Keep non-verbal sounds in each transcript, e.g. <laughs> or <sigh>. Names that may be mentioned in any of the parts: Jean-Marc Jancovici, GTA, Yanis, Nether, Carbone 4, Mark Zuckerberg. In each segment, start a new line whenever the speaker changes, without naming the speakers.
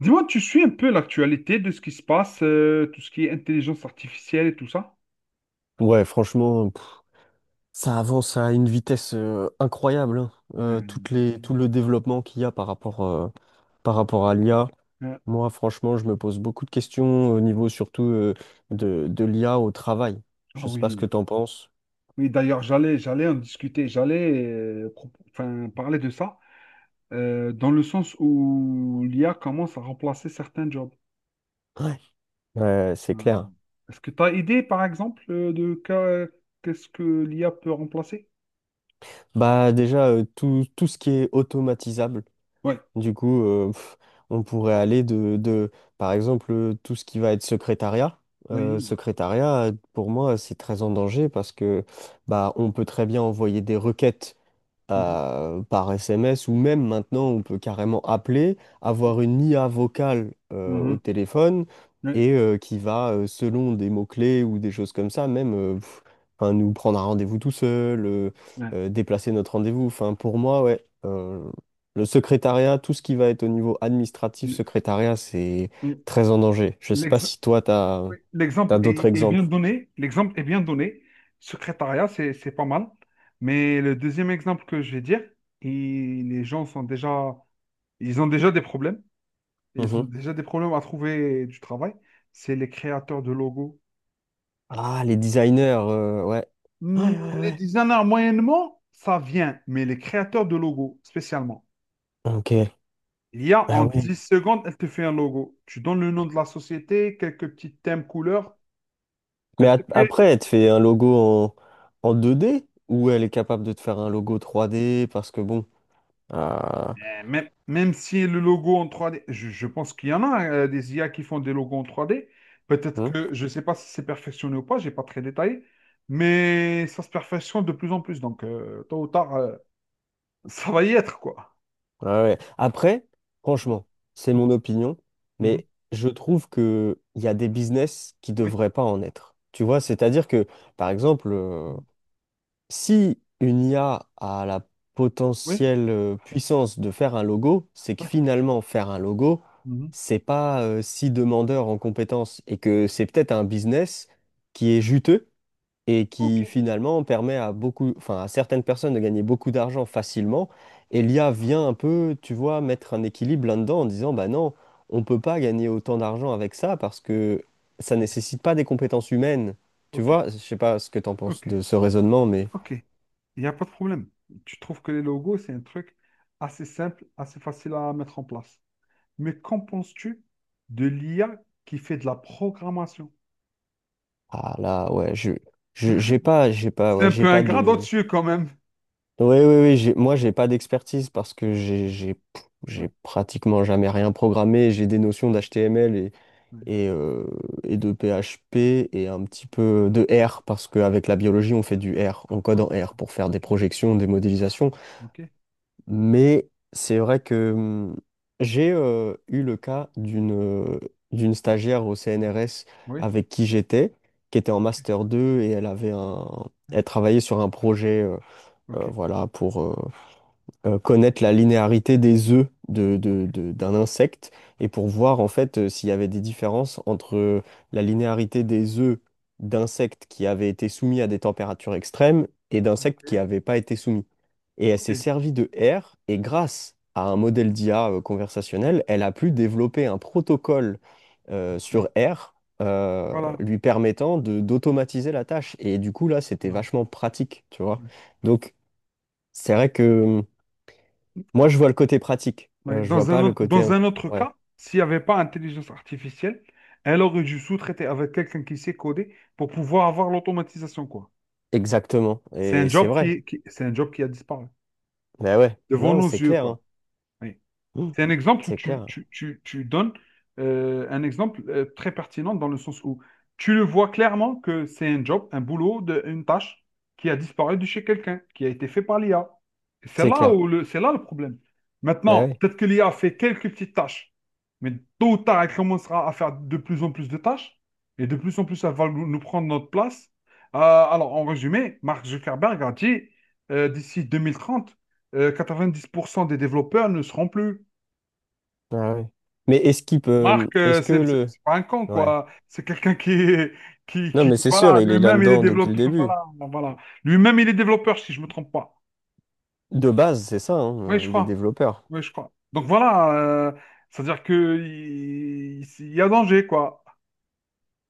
Dis-moi, tu suis un peu l'actualité de ce qui se passe, tout ce qui est intelligence artificielle et tout ça?
Ouais, franchement, ça avance à une vitesse incroyable, hein.
Ouais.
Tout le développement qu'il y a par rapport à l'IA.
Euh,
Moi, franchement, je me pose beaucoup de questions au niveau surtout de l'IA au travail.
ah
Je sais pas ce que
oui,
t'en penses.
oui. D'ailleurs, j'allais en discuter, j'allais, enfin, parler de ça, dans le sens où l'IA commence à remplacer certains jobs.
Ouais. Ouais, c'est
Ouais.
clair.
Est-ce que tu as idée, par exemple, de qu'est-ce que l'IA peut remplacer?
Bah déjà, tout ce qui est automatisable.
Ouais,
Du coup, on pourrait aller par exemple, tout ce qui va être secrétariat.
oui.
Secrétariat, pour moi, c'est très en danger parce que bah, on peut très bien envoyer des requêtes
Mhm.
par SMS, ou même maintenant on peut carrément appeler, avoir une IA vocale au
Mhm.
téléphone,
Oui.
et qui va, selon des mots-clés ou des choses comme ça, même enfin, nous prendre un rendez-vous tout seul,
Ouais.
déplacer notre rendez-vous. Enfin, pour moi, ouais, le secrétariat, tout ce qui va être au niveau administratif,
L-
secrétariat, c'est
l-
très en danger. Je sais pas
l'ex-
si toi, t'as,
Oui, l'exemple
d'autres
est bien
exemples.
donné. L'exemple est bien donné. Secrétariat, c'est pas mal. Mais le deuxième exemple que je vais dire, il- les gens sont déjà, ils ont déjà des problèmes. Ils ont
Mhm.
déjà des problèmes à trouver du travail. C'est les créateurs de logos.
Ah, les designers, ouais. Ouais,
Hmm,
ouais,
Les
ouais.
designers, moyennement, ça vient. Mais les créateurs de logos, spécialement.
Ok.
Il y a
Ah
en
ouais.
10 secondes, elle te fait un logo. Tu donnes le nom de la société, quelques petits thèmes, couleurs.
Mais
Elle te fait.
après, elle te fait un logo en, 2D, ou elle est capable de te faire un logo 3D parce que bon. Ah,
Même si le logo en 3D je pense qu'il y en a des IA qui font des logos en 3D. Peut-être
hein,
que, je ne sais pas si c'est perfectionné ou pas, je n'ai pas très détaillé, mais ça se perfectionne de plus en plus. Donc, tôt ou tard, <laughs> ça va y être, quoi.
ouais, ouais. Après, franchement, c'est mon opinion,
Mhm.
mais je trouve que il y a des business qui
Oui,
devraient pas en être. Tu vois, c'est-à-dire que, par exemple,
Mhm.
si une IA a la
Oui,
potentielle puissance de faire un logo, c'est que
ouais.
finalement faire un logo,
Mhm.
c'est pas si demandeur en compétences, et que c'est peut-être un business qui est juteux et
Ok,
qui finalement permet à beaucoup, enfin à certaines personnes de gagner beaucoup d'argent facilement. Et l'IA vient un peu, tu vois, mettre un équilibre là-dedans en disant, bah non, on peut pas gagner autant d'argent avec ça parce que ça nécessite pas des compétences humaines. Tu
ok,
vois, je sais pas ce que tu en penses
ok,
de ce raisonnement, mais
ok. Il n'y a pas de problème. Tu trouves que les logos, c'est un truc assez simple, assez facile à mettre en place. Mais qu'en penses-tu de l'IA qui fait de la programmation?
ah là, ouais, j'ai pas,
C'est un
ouais,
peu
j'ai pas
ingrat
de.
dessus quand même.
Oui, oui, oui, moi, j'ai pas d'expertise parce que
Ouais,
j'ai pratiquement jamais rien programmé. J'ai des notions d'HTML
ouais,
et, euh, et de PHP, et un petit peu de
ouais,
R parce qu'avec la biologie, on fait du R, on code
ouais.
en R pour faire
Oui,
des
ok,
projections, des modélisations.
ok,
Mais c'est vrai que j'ai eu le cas d'une stagiaire au
ouais,
CNRS
oui,
avec qui j'étais, qui était en
ok,
master 2, et
ouais,
elle travaillait sur un projet
ok,
voilà, pour connaître la linéarité des œufs
ok,
d'un insecte, et pour voir en fait s'il y avait des différences entre la linéarité des œufs d'insectes qui avaient été soumis à des températures extrêmes et d'insectes qui
ouais,
n'avaient pas été soumis. Et elle
ok,
s'est servie de R, et grâce à un modèle d'IA conversationnel, elle a pu développer un protocole
ok.
sur R,
Voilà.
lui permettant de d'automatiser la tâche. Et du coup, là, c'était
Voilà,
vachement pratique, tu vois.
oui.
Donc, c'est vrai que moi,
Euh,
je vois le côté pratique.
ouais,
Je vois
dans un
pas le
autre,
côté
dans un autre
Ouais,
cas, s'il n'y avait pas intelligence artificielle, elle aurait dû sous-traiter avec quelqu'un qui sait coder pour pouvoir avoir l'automatisation, quoi.
exactement.
C'est un
Et c'est
job
vrai.
qui a disparu
Bah ouais.
devant
Non,
nos
c'est
yeux,
clair,
quoi.
hein.
Oui.
Mm.
C'est un exemple où
C'est
tu,
clair.
tu- tu- tu donnes un exemple très pertinent dans le sens où tu le vois clairement que c'est un job, un boulot, une tâche qui a disparu de chez quelqu'un, qui a été fait par l'IA. Et C'est
C'est
là
clair.
où le, c'est là le problème.
Bah
Maintenant,
ouais.
peut-être que l'IA fait quelques petites tâches, mais tôt ou tard, elle commencera à faire de plus en plus de tâches et de plus en plus, elle va nous prendre notre place. Alors, en résumé, Mark Zuckerberg a dit d'ici 2030, 90% des développeurs ne seront plus.
Ah ouais. Mais est-ce qu'il peut. Mmh,
Marc,
Est-ce que
c'est c'est-
le.
c'est pas un con,
Ouais.
quoi. C'est quelqu'un qui, est- qui,
Non,
qui,
mais c'est sûr,
voilà,
il est
lui-même, il est
là-dedans depuis le
développeur. <laughs>
début.
Voilà, voilà. Lui-même, il est développeur, si je me trompe pas.
De base, c'est ça, hein.
Oui, je
Il est
crois.
développeur.
Oui, je crois. Donc voilà, c'est-à-dire que il y a danger, quoi.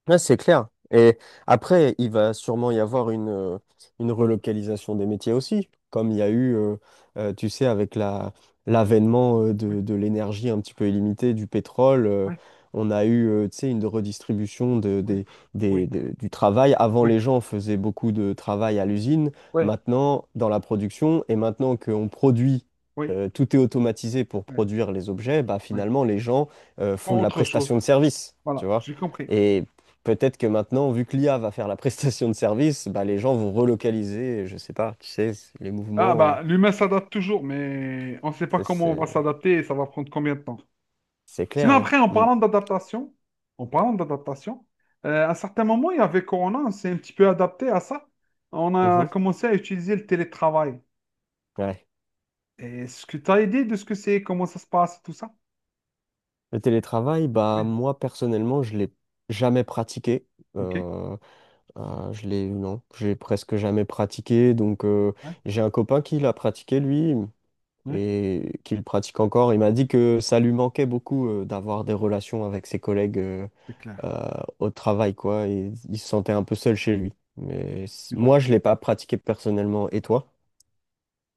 Ouais, c'est clair. Et après, il va sûrement y avoir une relocalisation des métiers aussi, comme il y a eu, tu sais, avec l'avènement
Oui,
de l'énergie un petit peu illimitée, du pétrole,
oui,
on a eu, tu sais, une redistribution de,
oui,
des-
oui,
de- du travail. Avant,
oui,
les gens faisaient beaucoup de travail à l'usine,
oui,
maintenant, dans la production, et maintenant qu'on produit,
oui,
tout est automatisé pour
oui,
produire les objets, bah,
oui.
finalement, les gens, font
Pour
de la
autre chose.
prestation de service, tu
Voilà,
vois?
j'ai compris.
Et peut-être que maintenant, vu que l'IA va faire la <laughs> prestation de service, bah, les gens vont relocaliser, je sais pas, tu sais, les
Ah,
mouvements,
bah, l'humain s'adapte toujours, mais on ne sait pas
c'est
comment on va
c'est-
s'adapter et ça va prendre combien de temps.
c'est clair,
Sinon,
hein.
après, en
Mm.
parlant d'adaptation, en parlant d'adaptation, à un certain moment, il y avait Corona, on s'est un petit peu adapté à ça. On a
Mhm.
commencé à utiliser le télétravail.
Ouais.
Et est-ce que tu as idée de ce que c'est, comment ça se passe, tout ça?
Le télétravail, bah,
Oui,
moi personnellement, je l'ai jamais pratiqué.
ok.
Euh, je l'ai, non, j'ai presque jamais pratiqué. Donc,
Ouais,
j'ai un copain qui l'a pratiqué, lui,
ouais,
et qu'il pratique encore. Il m'a dit que ça lui manquait beaucoup d'avoir des relations avec ses collègues,
c'est clair.
euh, au travail, quoi. Et il se sentait un peu seul chez lui. Mais
Je suis d'accord.
moi, je l'ai pas pratiqué personnellement. Et toi?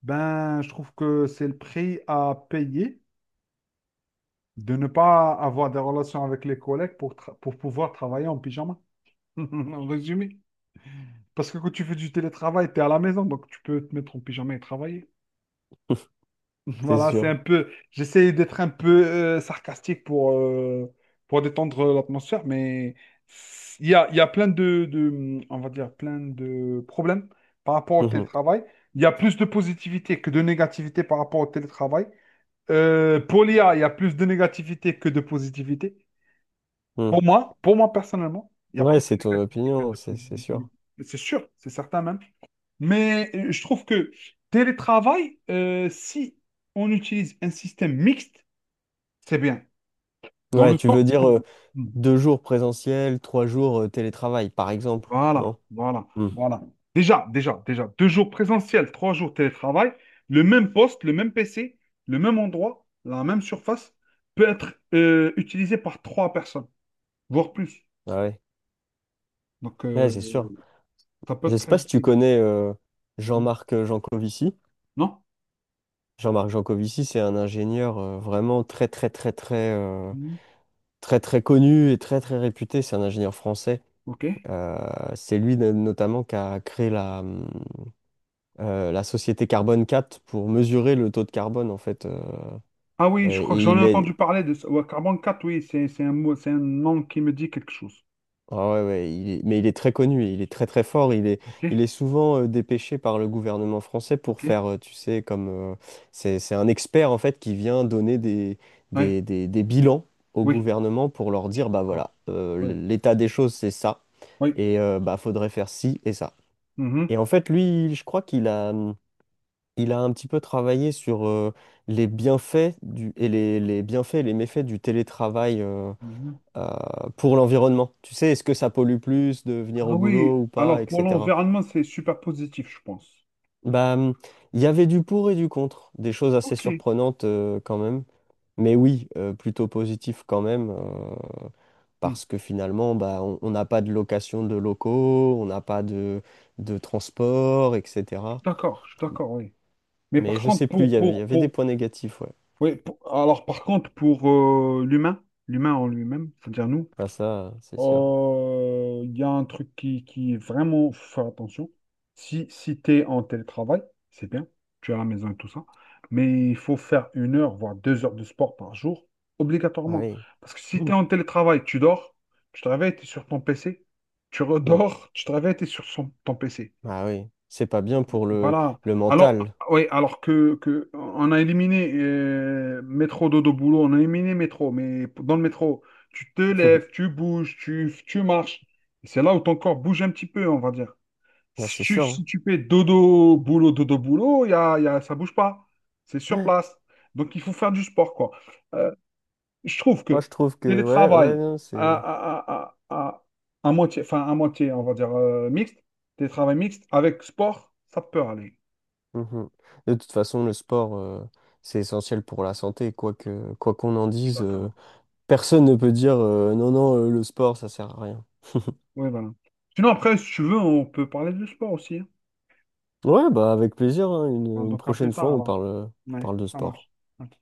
Ben, je trouve que c'est le prix à payer de ne pas avoir des relations avec les collègues pour pouvoir travailler en pyjama. <laughs> En résumé. Parce que quand tu fais du télétravail, tu es à la maison, donc tu peux te mettre en pyjama et travailler.
<laughs> C'est
Voilà, c'est
sûr.
un peu. J'essaie d'être un peu sarcastique pour détendre l'atmosphère, mais il y a plein on va dire, plein de problèmes par rapport au
Mhm.
télétravail. Il y a plus de positivité que de négativité par rapport au télétravail. Pour l'IA, il y a plus de négativité que de positivité.
Mhm.
Pour moi personnellement, il y a
Ouais,
plus de
c'est ton
négativité que
opinion,
de
c'est
positivité.
sûr.
C'est sûr, c'est certain même. Mais je trouve que télétravail, si on utilise un système mixte, c'est bien. Dans
Ouais,
le
tu
sens
veux dire
où. Hmm.
2 jours présentiel, 3 jours télétravail, par exemple,
Voilà,
non?
voilà,
Mm.
voilà. Déjà, déjà, déjà, 2 jours présentiel, 3 jours télétravail, le même poste, le même PC, le même endroit, la même surface peut être utilisé par 3 personnes, voire plus.
Ah ouais,
Donc,
ouais, c'est sûr.
ça peut
Je
être
sais
très
pas si tu
utile.
connais
Hmm.
Jean-Marc Jancovici.
Non?
Jean-Marc Jancovici, c'est un ingénieur vraiment très très très très
Hmm.
très très connu et très très réputé. C'est un ingénieur français.
OK.
Euh, c'est lui notamment qui a créé la société Carbone 4 pour mesurer le taux de carbone, en fait.
Ah oui, je crois que
Et
j'en ai
il est
entendu parler de ça. Ouais, Carbone 4. Oui, c'est un mot, c'est un nom qui me dit quelque chose.
Ah ouais, ouais, mais il est très connu, il est très très fort,
Ok,
il est souvent dépêché par le gouvernement français pour
ok,
faire, tu sais, comme, c'est un expert en fait, qui vient donner
ouais,
des bilans au
oui,
gouvernement pour leur dire, bah
d'accord.
voilà,
Ouais,
l'état des choses c'est ça,
oui.
et bah faudrait faire ci et ça.
Mhm,
Et en fait, lui, je crois qu'il a un petit peu travaillé sur les bienfaits et les méfaits du télétravail,
mhm.
pour l'environnement. Tu sais, est-ce que ça pollue plus de venir
Ah
au
oui,
boulot ou pas,
alors pour
etc.
l'environnement, c'est super positif, je pense.
Bah, il y avait du pour et du contre, des choses assez
Ok,
surprenantes quand même. Mais oui, plutôt positif quand même,
hmm,
parce que finalement, bah, on n'a pas de location de locaux, on n'a pas de transport, etc.
d'accord, je suis d'accord, oui. Mais
Mais
par
je
contre,
sais plus, il
pour,
y avait,
pour,
des
pour,
points négatifs, ouais.
oui, pour l'humain, l'humain en lui-même, c'est-à-dire nous.
Ah, ça, c'est sûr.
Il y a un truc qui est vraiment, faut faire attention. Si tu es en télétravail, c'est bien, tu es à la maison et tout ça, mais il faut faire 1 heure, voire 2 heures de sport par jour,
Ah
obligatoirement.
oui.
Parce que si tu
Mm.
es en télétravail, tu dors, tu te réveilles, tu es sur ton PC, tu
Mm.
redors, tu te réveilles, tu es sur ton PC.
Ah oui. C'est pas bien pour
Voilà.
le
Alors,
mental.
oui, alors que on a éliminé métro, dodo, boulot, on a éliminé métro, mais dans le métro, tu te lèves,
<laughs>
tu bouges, tu marches. C'est là où ton corps bouge un petit peu, on va dire.
Ah,
Si
c'est
tu,
sûr,
si tu fais dodo, boulot, ça bouge pas. C'est sur
hein.
place. Donc, il faut faire du sport, quoi. Euh, je trouve
Moi,
que
je trouve que, ouais, ouais,
télétravail
non,
à,
c'est.
à, à, à, à, à moitié, enfin, à moitié, on va dire mixte, télétravail mixte avec sport, ça peut aller.
Mhm. De toute façon, le sport, c'est essentiel pour la santé. Quoi qu'on en dise,
D'accord.
personne ne peut dire, non, non, le sport, ça sert à rien.
Oui, voilà. Sinon, après, si tu veux, on peut parler de sport aussi. Hein.
Ouais, bah, avec plaisir, hein. Une,
On en plus
prochaine
tard,
fois, on
alors. Ouais,
parle de
ça
sport.
marche. Ok.